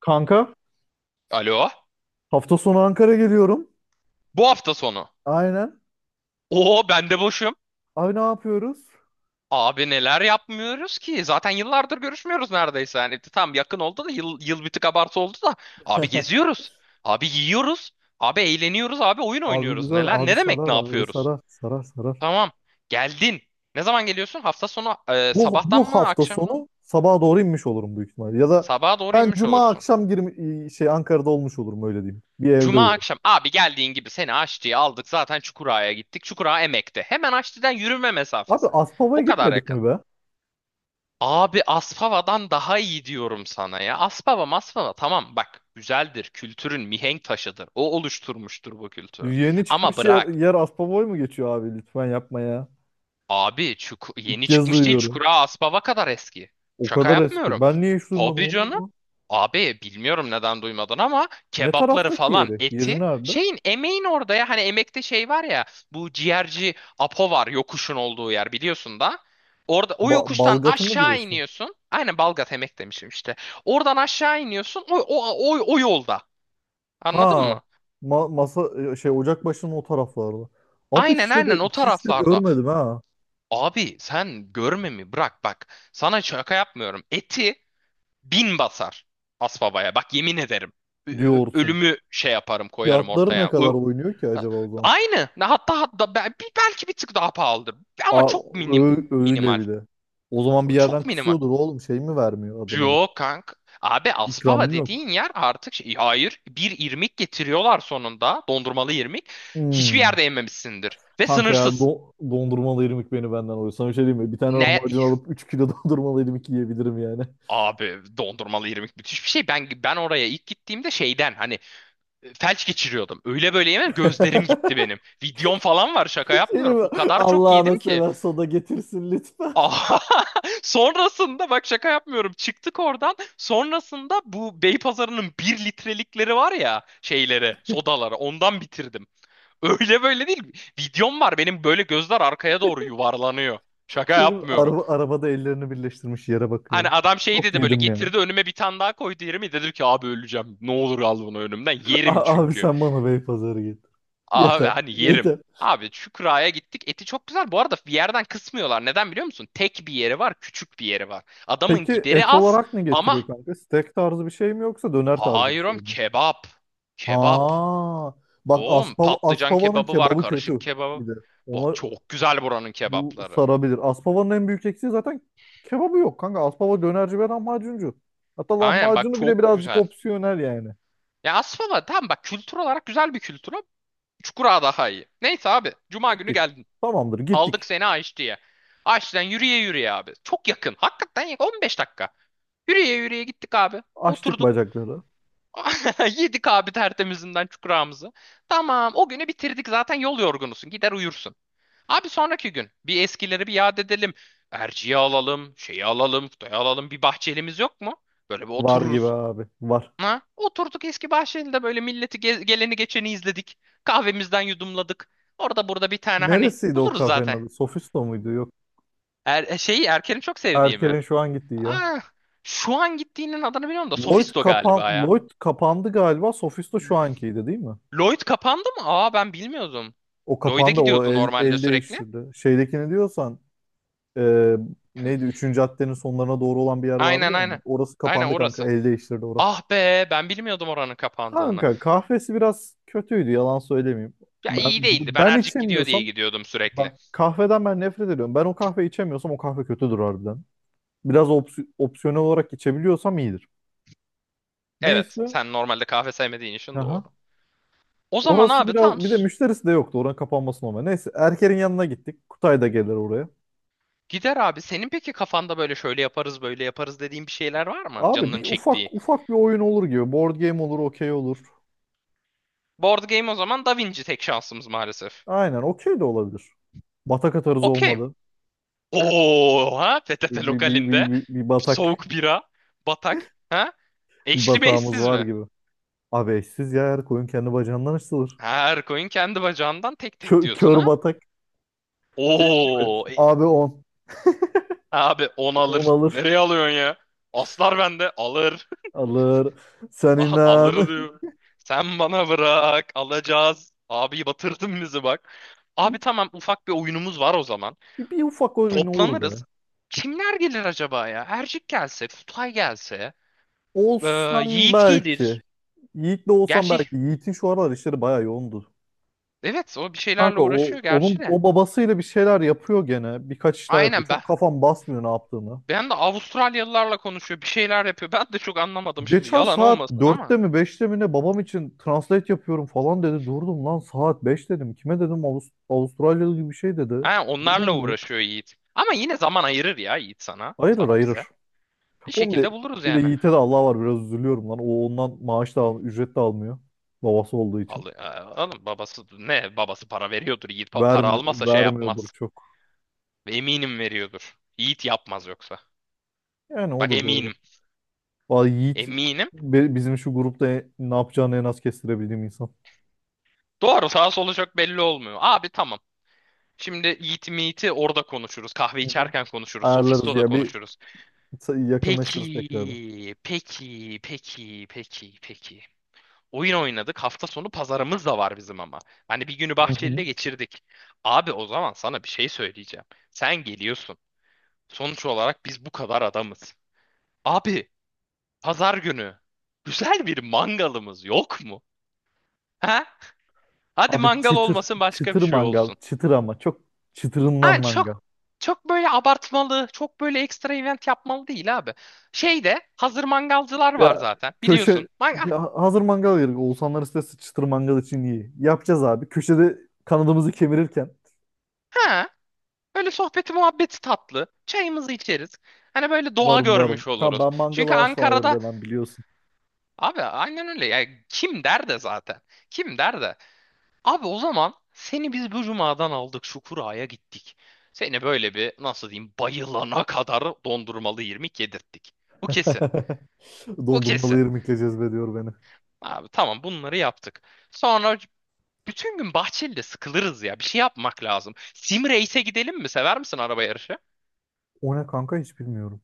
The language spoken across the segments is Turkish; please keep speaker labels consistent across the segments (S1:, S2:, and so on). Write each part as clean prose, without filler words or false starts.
S1: Kanka
S2: Alo?
S1: hafta sonu Ankara geliyorum.
S2: Bu hafta sonu.
S1: Aynen.
S2: Oo ben de boşum.
S1: Abi ne yapıyoruz?
S2: Abi neler yapmıyoruz ki? Zaten yıllardır görüşmüyoruz neredeyse. Yani tam yakın oldu da yıl, yıl bir tık abartı oldu da. Abi geziyoruz. Abi yiyoruz. Abi eğleniyoruz. Abi oyun
S1: Abi
S2: oynuyoruz.
S1: güzel.
S2: Neler?
S1: Abi
S2: Ne demek
S1: sarar.
S2: ne
S1: Abi
S2: yapıyoruz?
S1: sarar. Sarar sarar.
S2: Tamam. Geldin. Ne zaman geliyorsun? Hafta sonu
S1: Bu,
S2: sabahtan
S1: bu
S2: mı
S1: hafta
S2: akşamdan mı?
S1: sonu sabaha doğru inmiş olurum büyük ihtimalle. Ya da
S2: Sabaha doğru
S1: ben
S2: inmiş
S1: cuma
S2: olursun.
S1: akşam girmi, şey Ankara'da olmuş olurum öyle diyeyim. Bir evde
S2: Cuma
S1: uyurum.
S2: akşam. Abi geldiğin gibi seni Aşçı'ya aldık. Zaten Çukurağa'ya gittik. Çukurağa Emek'te. Hemen Aşçı'dan yürüme
S1: Abi
S2: mesafesi. O
S1: Aspava'ya
S2: kadar
S1: gitmedik
S2: yakın.
S1: mi be?
S2: Abi Aspava'dan daha iyi diyorum sana ya. Aspava, Maspava tamam bak güzeldir. Kültürün mihenk taşıdır. O oluşturmuştur bu kültürü.
S1: Yeni
S2: Ama
S1: çıkmış yer,
S2: bırak.
S1: yer Aspava'ya mı geçiyor abi? Lütfen yapma ya.
S2: Abi
S1: İlk
S2: yeni
S1: kez
S2: çıkmış değil,
S1: duyuyorum.
S2: Çukura Aspava kadar eski.
S1: O
S2: Şaka
S1: kadar eski.
S2: yapmıyorum.
S1: Ben niye hiç duymadım
S2: Tabii
S1: oğlum
S2: canım.
S1: mu?
S2: Abi bilmiyorum neden duymadın ama
S1: Ne
S2: kebapları
S1: taraftaki
S2: falan
S1: yeri? Yeri
S2: eti
S1: nerede?
S2: şeyin emeğin orada ya hani emekte şey var ya bu ciğerci Apo var yokuşun olduğu yer biliyorsun da. Orada o
S1: Ba-
S2: yokuştan
S1: Balgat'ı mı
S2: aşağı
S1: diyorsun?
S2: iniyorsun. Aynen Balgat emek demişim işte. Oradan aşağı iniyorsun o yolda. Anladın
S1: Ha,
S2: mı?
S1: masa, ocak başının o taraflarda. Ama
S2: Aynen
S1: hiç
S2: aynen o
S1: hiç de
S2: taraflarda.
S1: görmedim ha
S2: Abi sen görme mi bırak bak. Sana şaka yapmıyorum. Eti bin basar Asbaba'ya. Bak yemin ederim.
S1: diyorsun.
S2: Ölümü şey yaparım koyarım
S1: Fiyatları ne
S2: ortaya. Ö-
S1: kadar oynuyor ki acaba o zaman?
S2: Aynı. Ne, hatta, hatta belki bir tık daha pahalıdır. Ama
S1: Aa,
S2: çok
S1: öyle
S2: minimal.
S1: bir de. O zaman bir
S2: Çok
S1: yerden
S2: minimal.
S1: kısıyordur oğlum, şey mi vermiyor adı nedir?
S2: Yok kank. Abi
S1: İkram mı
S2: Aspava
S1: yok?
S2: dediğin yer artık şey, hayır bir irmik getiriyorlar sonunda, dondurmalı irmik. Hiçbir
S1: Hmm.
S2: yerde yememişsindir ve
S1: Kanka ya
S2: sınırsız.
S1: dondurmalı irmik beni benden alıyor. Sana bir şey diyeyim mi? Bir tane
S2: Ne?
S1: lahmacun alıp 3 kilo dondurmalı irmik yiyebilirim yani.
S2: Abi dondurmalı irmik müthiş bir şey. Ben oraya ilk gittiğimde şeyden hani felç geçiriyordum. Öyle böyle yemem, gözlerim gitti benim. Videom falan var, şaka
S1: Seni
S2: yapmıyorum.
S1: mi?
S2: O kadar çok yedim
S1: Allah'ını
S2: ki.
S1: sever soda getirsin lütfen.
S2: Aha! Sonrasında bak şaka yapmıyorum. Çıktık oradan. Sonrasında bu Beypazarı'nın bir litrelikleri var ya, şeyleri, sodaları, ondan bitirdim. Öyle böyle değil. Videom var benim, böyle gözler arkaya doğru yuvarlanıyor. Şaka
S1: Senin
S2: yapmıyorum.
S1: arabada ellerini birleştirmiş yere
S2: Hani
S1: bakıyor.
S2: adam şey
S1: Çok
S2: dedi, böyle
S1: yedim ya.
S2: getirdi önüme, bir tane daha koydu yerime, dedim ki abi öleceğim, ne olur al bunu önümden, yerim
S1: Abi
S2: çünkü.
S1: sen bana Beypazarı getir.
S2: Abi
S1: Yeter.
S2: hani yerim.
S1: Yeter.
S2: Abi Şükra'ya gittik, eti çok güzel bu arada, bir yerden kısmıyorlar, neden biliyor musun? Tek bir yeri var, küçük bir yeri var. Adamın
S1: Peki
S2: gideri
S1: et
S2: az
S1: olarak ne
S2: ama
S1: getiriyor kanka? Steak tarzı bir şey mi yoksa döner tarzı bir
S2: hayır
S1: şey
S2: oğlum,
S1: mi?
S2: kebap.
S1: Ha, bak
S2: Oğlum
S1: Aspava,
S2: patlıcan
S1: Aspava'nın
S2: kebabı var,
S1: kebabı kötü
S2: karışık kebabı.
S1: bir de.
S2: Bak
S1: Ona
S2: çok güzel buranın
S1: bu
S2: kebapları.
S1: sarabilir. Aspava'nın en büyük eksiği zaten kebabı yok kanka. Aspava dönerci ve lahmacuncu. Hatta
S2: Aynen bak
S1: lahmacunu bile
S2: çok
S1: birazcık
S2: güzel.
S1: opsiyonel yani.
S2: Ya aslında tamam bak, kültür olarak güzel bir kültür ama Çukura daha iyi. Neyse abi. Cuma günü
S1: Gittik.
S2: geldik.
S1: Tamamdır
S2: Aldık
S1: gittik.
S2: seni Aşçı'ya. Aşçı'dan yürüye yürüye abi. Çok yakın. Hakikaten yakın. 15 dakika. Yürüye yürüye gittik abi.
S1: Açtık
S2: Oturduk.
S1: bacakları.
S2: Yedik abi tertemizinden çukurağımızı. Tamam o günü bitirdik zaten, yol yorgunusun. Gider uyursun. Abi sonraki gün bir eskileri bir yad edelim. Erciye alalım, şeyi alalım, Kutay'ı alalım. Bir bahçelimiz yok mu? Böyle bir
S1: Var gibi
S2: otururuz.
S1: abi. Var.
S2: Ha? Oturduk eski bahçelinde böyle milleti geleni geçeni izledik. Kahvemizden yudumladık. Orada burada bir tane hani
S1: Neresiydi o
S2: buluruz
S1: kafenin
S2: zaten.
S1: adı? Sofisto muydu? Yok.
S2: Şeyi Erken'i çok sevdiğimi.
S1: Erker'in şu an gittiği ya.
S2: Ah, şu an gittiğinin adını biliyorum da Sofisto galiba ya.
S1: Lloyd kapandı galiba. Sofisto şu
S2: L-
S1: ankiydi değil mi?
S2: Lloyd kapandı mı? Aa ben bilmiyordum.
S1: O
S2: Lloyd'e
S1: kapandı. O
S2: gidiyordu
S1: el,
S2: normalde
S1: el
S2: sürekli.
S1: değiştirdi. Şeydekini diyorsan, e, neydi? Üçüncü caddenin sonlarına doğru olan bir yer vardı
S2: Aynen
S1: yani.
S2: aynen.
S1: Orası
S2: Aynen
S1: kapandı kanka.
S2: orası.
S1: El değiştirdi orası.
S2: Ah be, ben bilmiyordum oranın kapandığını.
S1: Kanka kahvesi biraz kötüydü. Yalan söylemeyeyim.
S2: Ya
S1: Ben,
S2: iyi değildi. Ben
S1: ben
S2: Ercik gidiyor diye
S1: içemiyorsam
S2: gidiyordum sürekli.
S1: bak, kahveden ben nefret ediyorum. Ben o kahve içemiyorsam o kahve kötüdür harbiden. Biraz opsiyonel olarak içebiliyorsam iyidir.
S2: Evet,
S1: Neyse.
S2: sen normalde kahve sevmediğin için doğru.
S1: Aha.
S2: O zaman
S1: Orası
S2: abi tamam.
S1: biraz bir de müşterisi de yoktu. Oranın kapanması normal. Neyse Erker'in yanına gittik. Kutay da gelir oraya.
S2: Gider abi. Senin peki kafanda böyle şöyle yaparız böyle yaparız dediğin bir şeyler var mı?
S1: Abi
S2: Canının
S1: bir
S2: çektiği.
S1: ufak ufak bir oyun olur gibi. Board game olur, okey olur.
S2: Board game o zaman, Da Vinci tek şansımız maalesef.
S1: Aynen okey de olabilir. Batak atarız
S2: Okeyim.
S1: olmadı.
S2: Oha, PTT
S1: Bir, bir, bir, bir,
S2: lokalinde
S1: bir, bir batak
S2: soğuk bira, batak. Ha?
S1: bir
S2: Eşli mi
S1: batağımız
S2: eşsiz
S1: var
S2: mi?
S1: gibi. Abi eşsiz ya her koyun kendi bacağından açılır.
S2: Her koyun kendi bacağından tek tek
S1: Kö,
S2: diyorsun
S1: kör
S2: ha?
S1: batak. Şey Değil mi?
S2: Oo e-
S1: Abi on
S2: abi 10
S1: on
S2: alır.
S1: alır.
S2: Nereye alıyorsun ya? Aslar bende alır.
S1: Alır. Sen inan.
S2: Alır diyor. Sen bana bırak, alacağız. Abi batırdın bizi bak. Abi tamam, ufak bir oyunumuz var o zaman.
S1: Bir ufak oyun olur be.
S2: Toplanırız. Kimler gelir acaba ya? Ercik gelse, Kutay gelse, ee,
S1: Olsan
S2: Yiğit
S1: belki.
S2: gelir.
S1: Yiğit'le olsan
S2: Gerçi
S1: belki. Yiğit'in şu aralar işleri bayağı yoğundu.
S2: evet, o bir şeylerle
S1: Kanka o
S2: uğraşıyor gerçi
S1: onun
S2: de.
S1: o babasıyla bir şeyler yapıyor gene. Birkaç iş daha yapıyor.
S2: Aynen ben.
S1: Çok kafam basmıyor ne yaptığını.
S2: Ben de Avustralyalılarla konuşuyor, bir şeyler yapıyor. Ben de çok anlamadım şimdi
S1: Geçen
S2: yalan
S1: saat
S2: olmasın ama.
S1: 4'te mi 5'te mi ne babam için translate yapıyorum falan dedi. Durdum lan saat 5 dedim. Kime dedim, Avustralyalı gibi bir şey dedi.
S2: Ha, onlarla
S1: Durdum bir.
S2: uğraşıyor Yiğit. Ama yine zaman ayırır ya Yiğit sana.
S1: Hayırır
S2: Sana,
S1: hayırır.
S2: bize. Bir
S1: O bir
S2: şekilde
S1: de,
S2: buluruz
S1: bir de
S2: yani.
S1: Yiğit'e de Allah var, biraz üzülüyorum lan. O ondan maaş da al, ücret de almıyor. Babası olduğu için.
S2: Al, alın babası ne babası, para veriyordur Yiğit. Para
S1: Vermi
S2: almazsa şey
S1: vermiyordur
S2: yapmaz.
S1: çok.
S2: Ve eminim veriyordur. Yiğit yapmaz yoksa.
S1: Yani o
S2: Bak
S1: da doğru.
S2: eminim.
S1: Vallahi Yiğit
S2: Eminim.
S1: bizim şu grupta ne yapacağını en az kestirebildiğim insan.
S2: Doğru, sağ solu çok belli olmuyor. Abi tamam. Şimdi Yiğit Meet'i orada konuşuruz. Kahve
S1: Hı hı.
S2: içerken konuşuruz.
S1: Ayarlarız
S2: Sofisto'da
S1: ya bir
S2: konuşuruz.
S1: yakınlaşırız tekrardan.
S2: Peki, peki, peki, peki, peki. Oyun oynadık. Hafta sonu pazarımız da var bizim ama. Hani bir günü
S1: Hı hı.
S2: Bahçeli'de geçirdik. Abi o zaman sana bir şey söyleyeceğim. Sen geliyorsun. Sonuç olarak biz bu kadar adamız. Abi, pazar günü güzel bir mangalımız yok mu? Ha? Hadi
S1: Abi
S2: mangal
S1: çıtır,
S2: olmasın, başka bir
S1: çıtır
S2: şey
S1: mangal,
S2: olsun.
S1: çıtır ama çok çıtırından
S2: Yani
S1: mangal.
S2: çok böyle abartmalı, çok böyle ekstra event yapmalı değil abi. Şeyde hazır mangalcılar var
S1: Ya
S2: zaten
S1: köşe,
S2: biliyorsun. Mangal,
S1: ya hazır mangal yedik. Oğuzhanlar istese çıtır mangal için iyi. Yapacağız abi. Köşede kanadımızı kemirirken
S2: ha, böyle sohbeti muhabbeti tatlı. Çayımızı içeriz. Hani böyle doğa
S1: varım varım.
S2: görmüş
S1: Ka-
S2: oluruz.
S1: Ben
S2: Çünkü
S1: mangala asla hayır
S2: Ankara'da
S1: demem biliyorsun.
S2: abi aynen öyle. Yani kim der de zaten. Kim der de. Abi o zaman seni biz bu cumadan aldık, Şukura'ya gittik. Seni böyle bir, nasıl diyeyim, bayılana kadar dondurmalı irmik yedirttik. Bu kesin. Bu
S1: Dondurmalı
S2: kesin.
S1: irmikleyeceğiz be diyor beni.
S2: Abi tamam, bunları yaptık. Sonra bütün gün Bahçeli'de sıkılırız ya. Bir şey yapmak lazım. Sim Race'e gidelim mi? Sever misin araba yarışı?
S1: O ne kanka hiç bilmiyorum.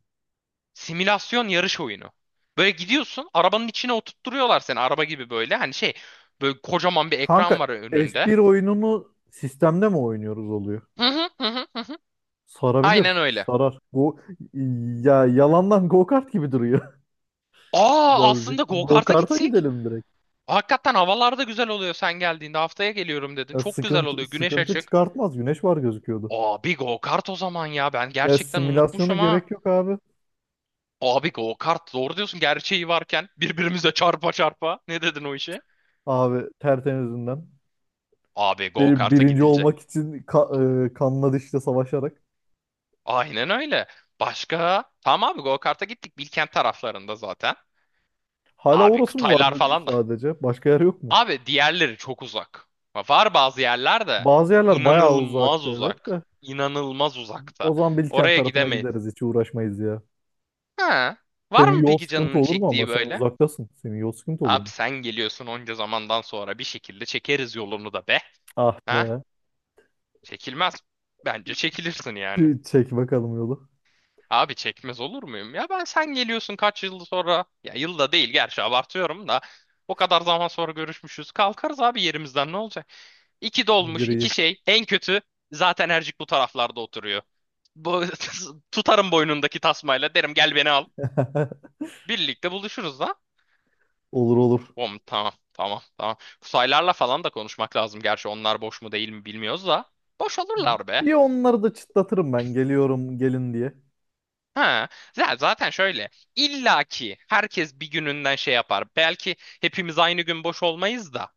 S2: Simülasyon yarış oyunu. Böyle gidiyorsun, arabanın içine oturtturuyorlar seni, araba gibi böyle. Hani şey, böyle kocaman bir ekran
S1: Kanka
S2: var önünde.
S1: F1 oyununu sistemde mi oynuyoruz oluyor?
S2: Hı hı.
S1: Sarabilir.
S2: Aynen öyle.
S1: Sarar. Ya yalandan go-kart gibi duruyor
S2: Aa,
S1: birazcık.
S2: aslında go-kart'a
S1: Go-kart'a
S2: gitsek.
S1: gidelim direkt.
S2: Hakikaten havalar da güzel oluyor sen geldiğinde. Haftaya geliyorum dedin.
S1: Ya
S2: Çok güzel
S1: sıkıntı
S2: oluyor. Güneş
S1: sıkıntı
S2: açık.
S1: çıkartmaz. Güneş var gözüküyordu.
S2: Aa, bir go-kart o zaman ya. Ben
S1: Ya
S2: gerçekten
S1: simülasyona
S2: unutmuşum ha.
S1: gerek yok abi.
S2: Abi go kart doğru diyorsun, gerçeği varken birbirimize çarpa çarpa. Ne dedin o işe?
S1: Abi tertemizinden.
S2: Abi go
S1: Bir-
S2: karta
S1: Birinci
S2: gidilecek.
S1: olmak için kanla dişle savaşarak.
S2: Aynen öyle. Başka? Tamam abi, go karta gittik Bilkent taraflarında zaten.
S1: Hala
S2: Abi
S1: orası mı var
S2: Kıtaylar
S1: böyle
S2: falan da.
S1: sadece? Başka yer yok mu?
S2: Abi diğerleri çok uzak. Var bazı yerler de
S1: Bazı yerler bayağı
S2: inanılmaz
S1: uzakta evet
S2: uzak.
S1: de.
S2: İnanılmaz uzakta.
S1: O zaman Bilkent
S2: Oraya
S1: tarafına
S2: gidemeyiz.
S1: gideriz. Hiç uğraşmayız ya.
S2: Ha, var
S1: Senin
S2: mı
S1: yol
S2: peki
S1: sıkıntı
S2: canının
S1: olur mu ama
S2: çektiği
S1: sen
S2: böyle?
S1: uzaktasın. Senin yol sıkıntı olur
S2: Abi
S1: mu?
S2: sen geliyorsun onca zamandan sonra, bir şekilde çekeriz yolunu da be.
S1: Ah
S2: Ha?
S1: be.
S2: Çekilmez. Bence çekilirsin yani.
S1: Çek bakalım yolu.
S2: Abi çekmez olur muyum? Ya ben, sen geliyorsun kaç yıl sonra. Ya yılda değil gerçi, abartıyorum da. O kadar zaman sonra görüşmüşüz. Kalkarız abi yerimizden ne olacak? İki
S1: İyidir.
S2: dolmuş iki şey. En kötü zaten Ercik bu taraflarda oturuyor. Bu, tutarım boynundaki tasmayla, derim gel beni al. Birlikte buluşuruz da.
S1: Olur olur.
S2: Bom, tamam tamam tamam. Kusaylarla falan da konuşmak lazım. Gerçi onlar boş mu değil mi bilmiyoruz da. Boş olurlar be.
S1: Bir onları da çıtlatırım ben. Geliyorum gelin diye.
S2: Ha, ya zaten şöyle. İlla ki herkes bir gününden şey yapar. Belki hepimiz aynı gün boş olmayız da.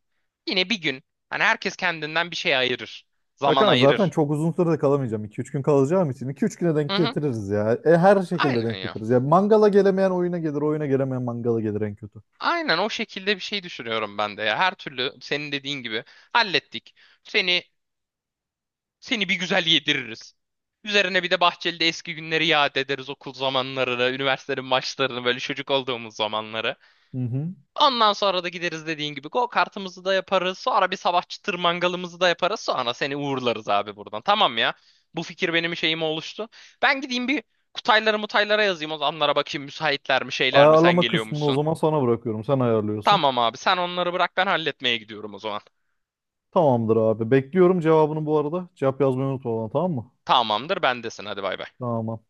S2: Yine bir gün. Hani herkes kendinden bir şey ayırır.
S1: Ya
S2: Zaman
S1: kanka zaten
S2: ayırır.
S1: çok uzun sürede kalamayacağım. 2 üç gün kalacağım için 2 üç güne denk
S2: Hı hı.
S1: getiririz ya. Her şekilde
S2: Aynen
S1: denk
S2: ya.
S1: getiririz. Ya mangala gelemeyen oyuna gelir, oyuna gelemeyen mangala gelir en kötü.
S2: Aynen o şekilde bir şey düşünüyorum ben de ya. Her türlü senin dediğin gibi hallettik. Seni seni bir güzel yediririz. Üzerine bir de Bahçeli'de eski günleri yad ederiz, okul zamanlarını, üniversitenin maçlarını, böyle çocuk olduğumuz zamanları.
S1: Hı hı.
S2: Ondan sonra da gideriz dediğin gibi, go kartımızı da yaparız. Sonra bir sabah çıtır mangalımızı da yaparız. Sonra seni uğurlarız abi buradan. Tamam ya. Bu fikir benim şeyime oluştu. Ben gideyim bir Kutaylara mutaylara yazayım. O zamanlara bakayım müsaitler mi, şeyler mi, sen
S1: Ayarlama kısmını o
S2: geliyormuşsun.
S1: zaman sana bırakıyorum. Sen ayarlıyorsun.
S2: Tamam abi, sen onları bırak, ben halletmeye gidiyorum o zaman.
S1: Tamamdır abi. Bekliyorum cevabını bu arada. Cevap yazmayı unutma bana, tamam mı?
S2: Tamamdır bendesin, hadi bay bay.
S1: Tamam.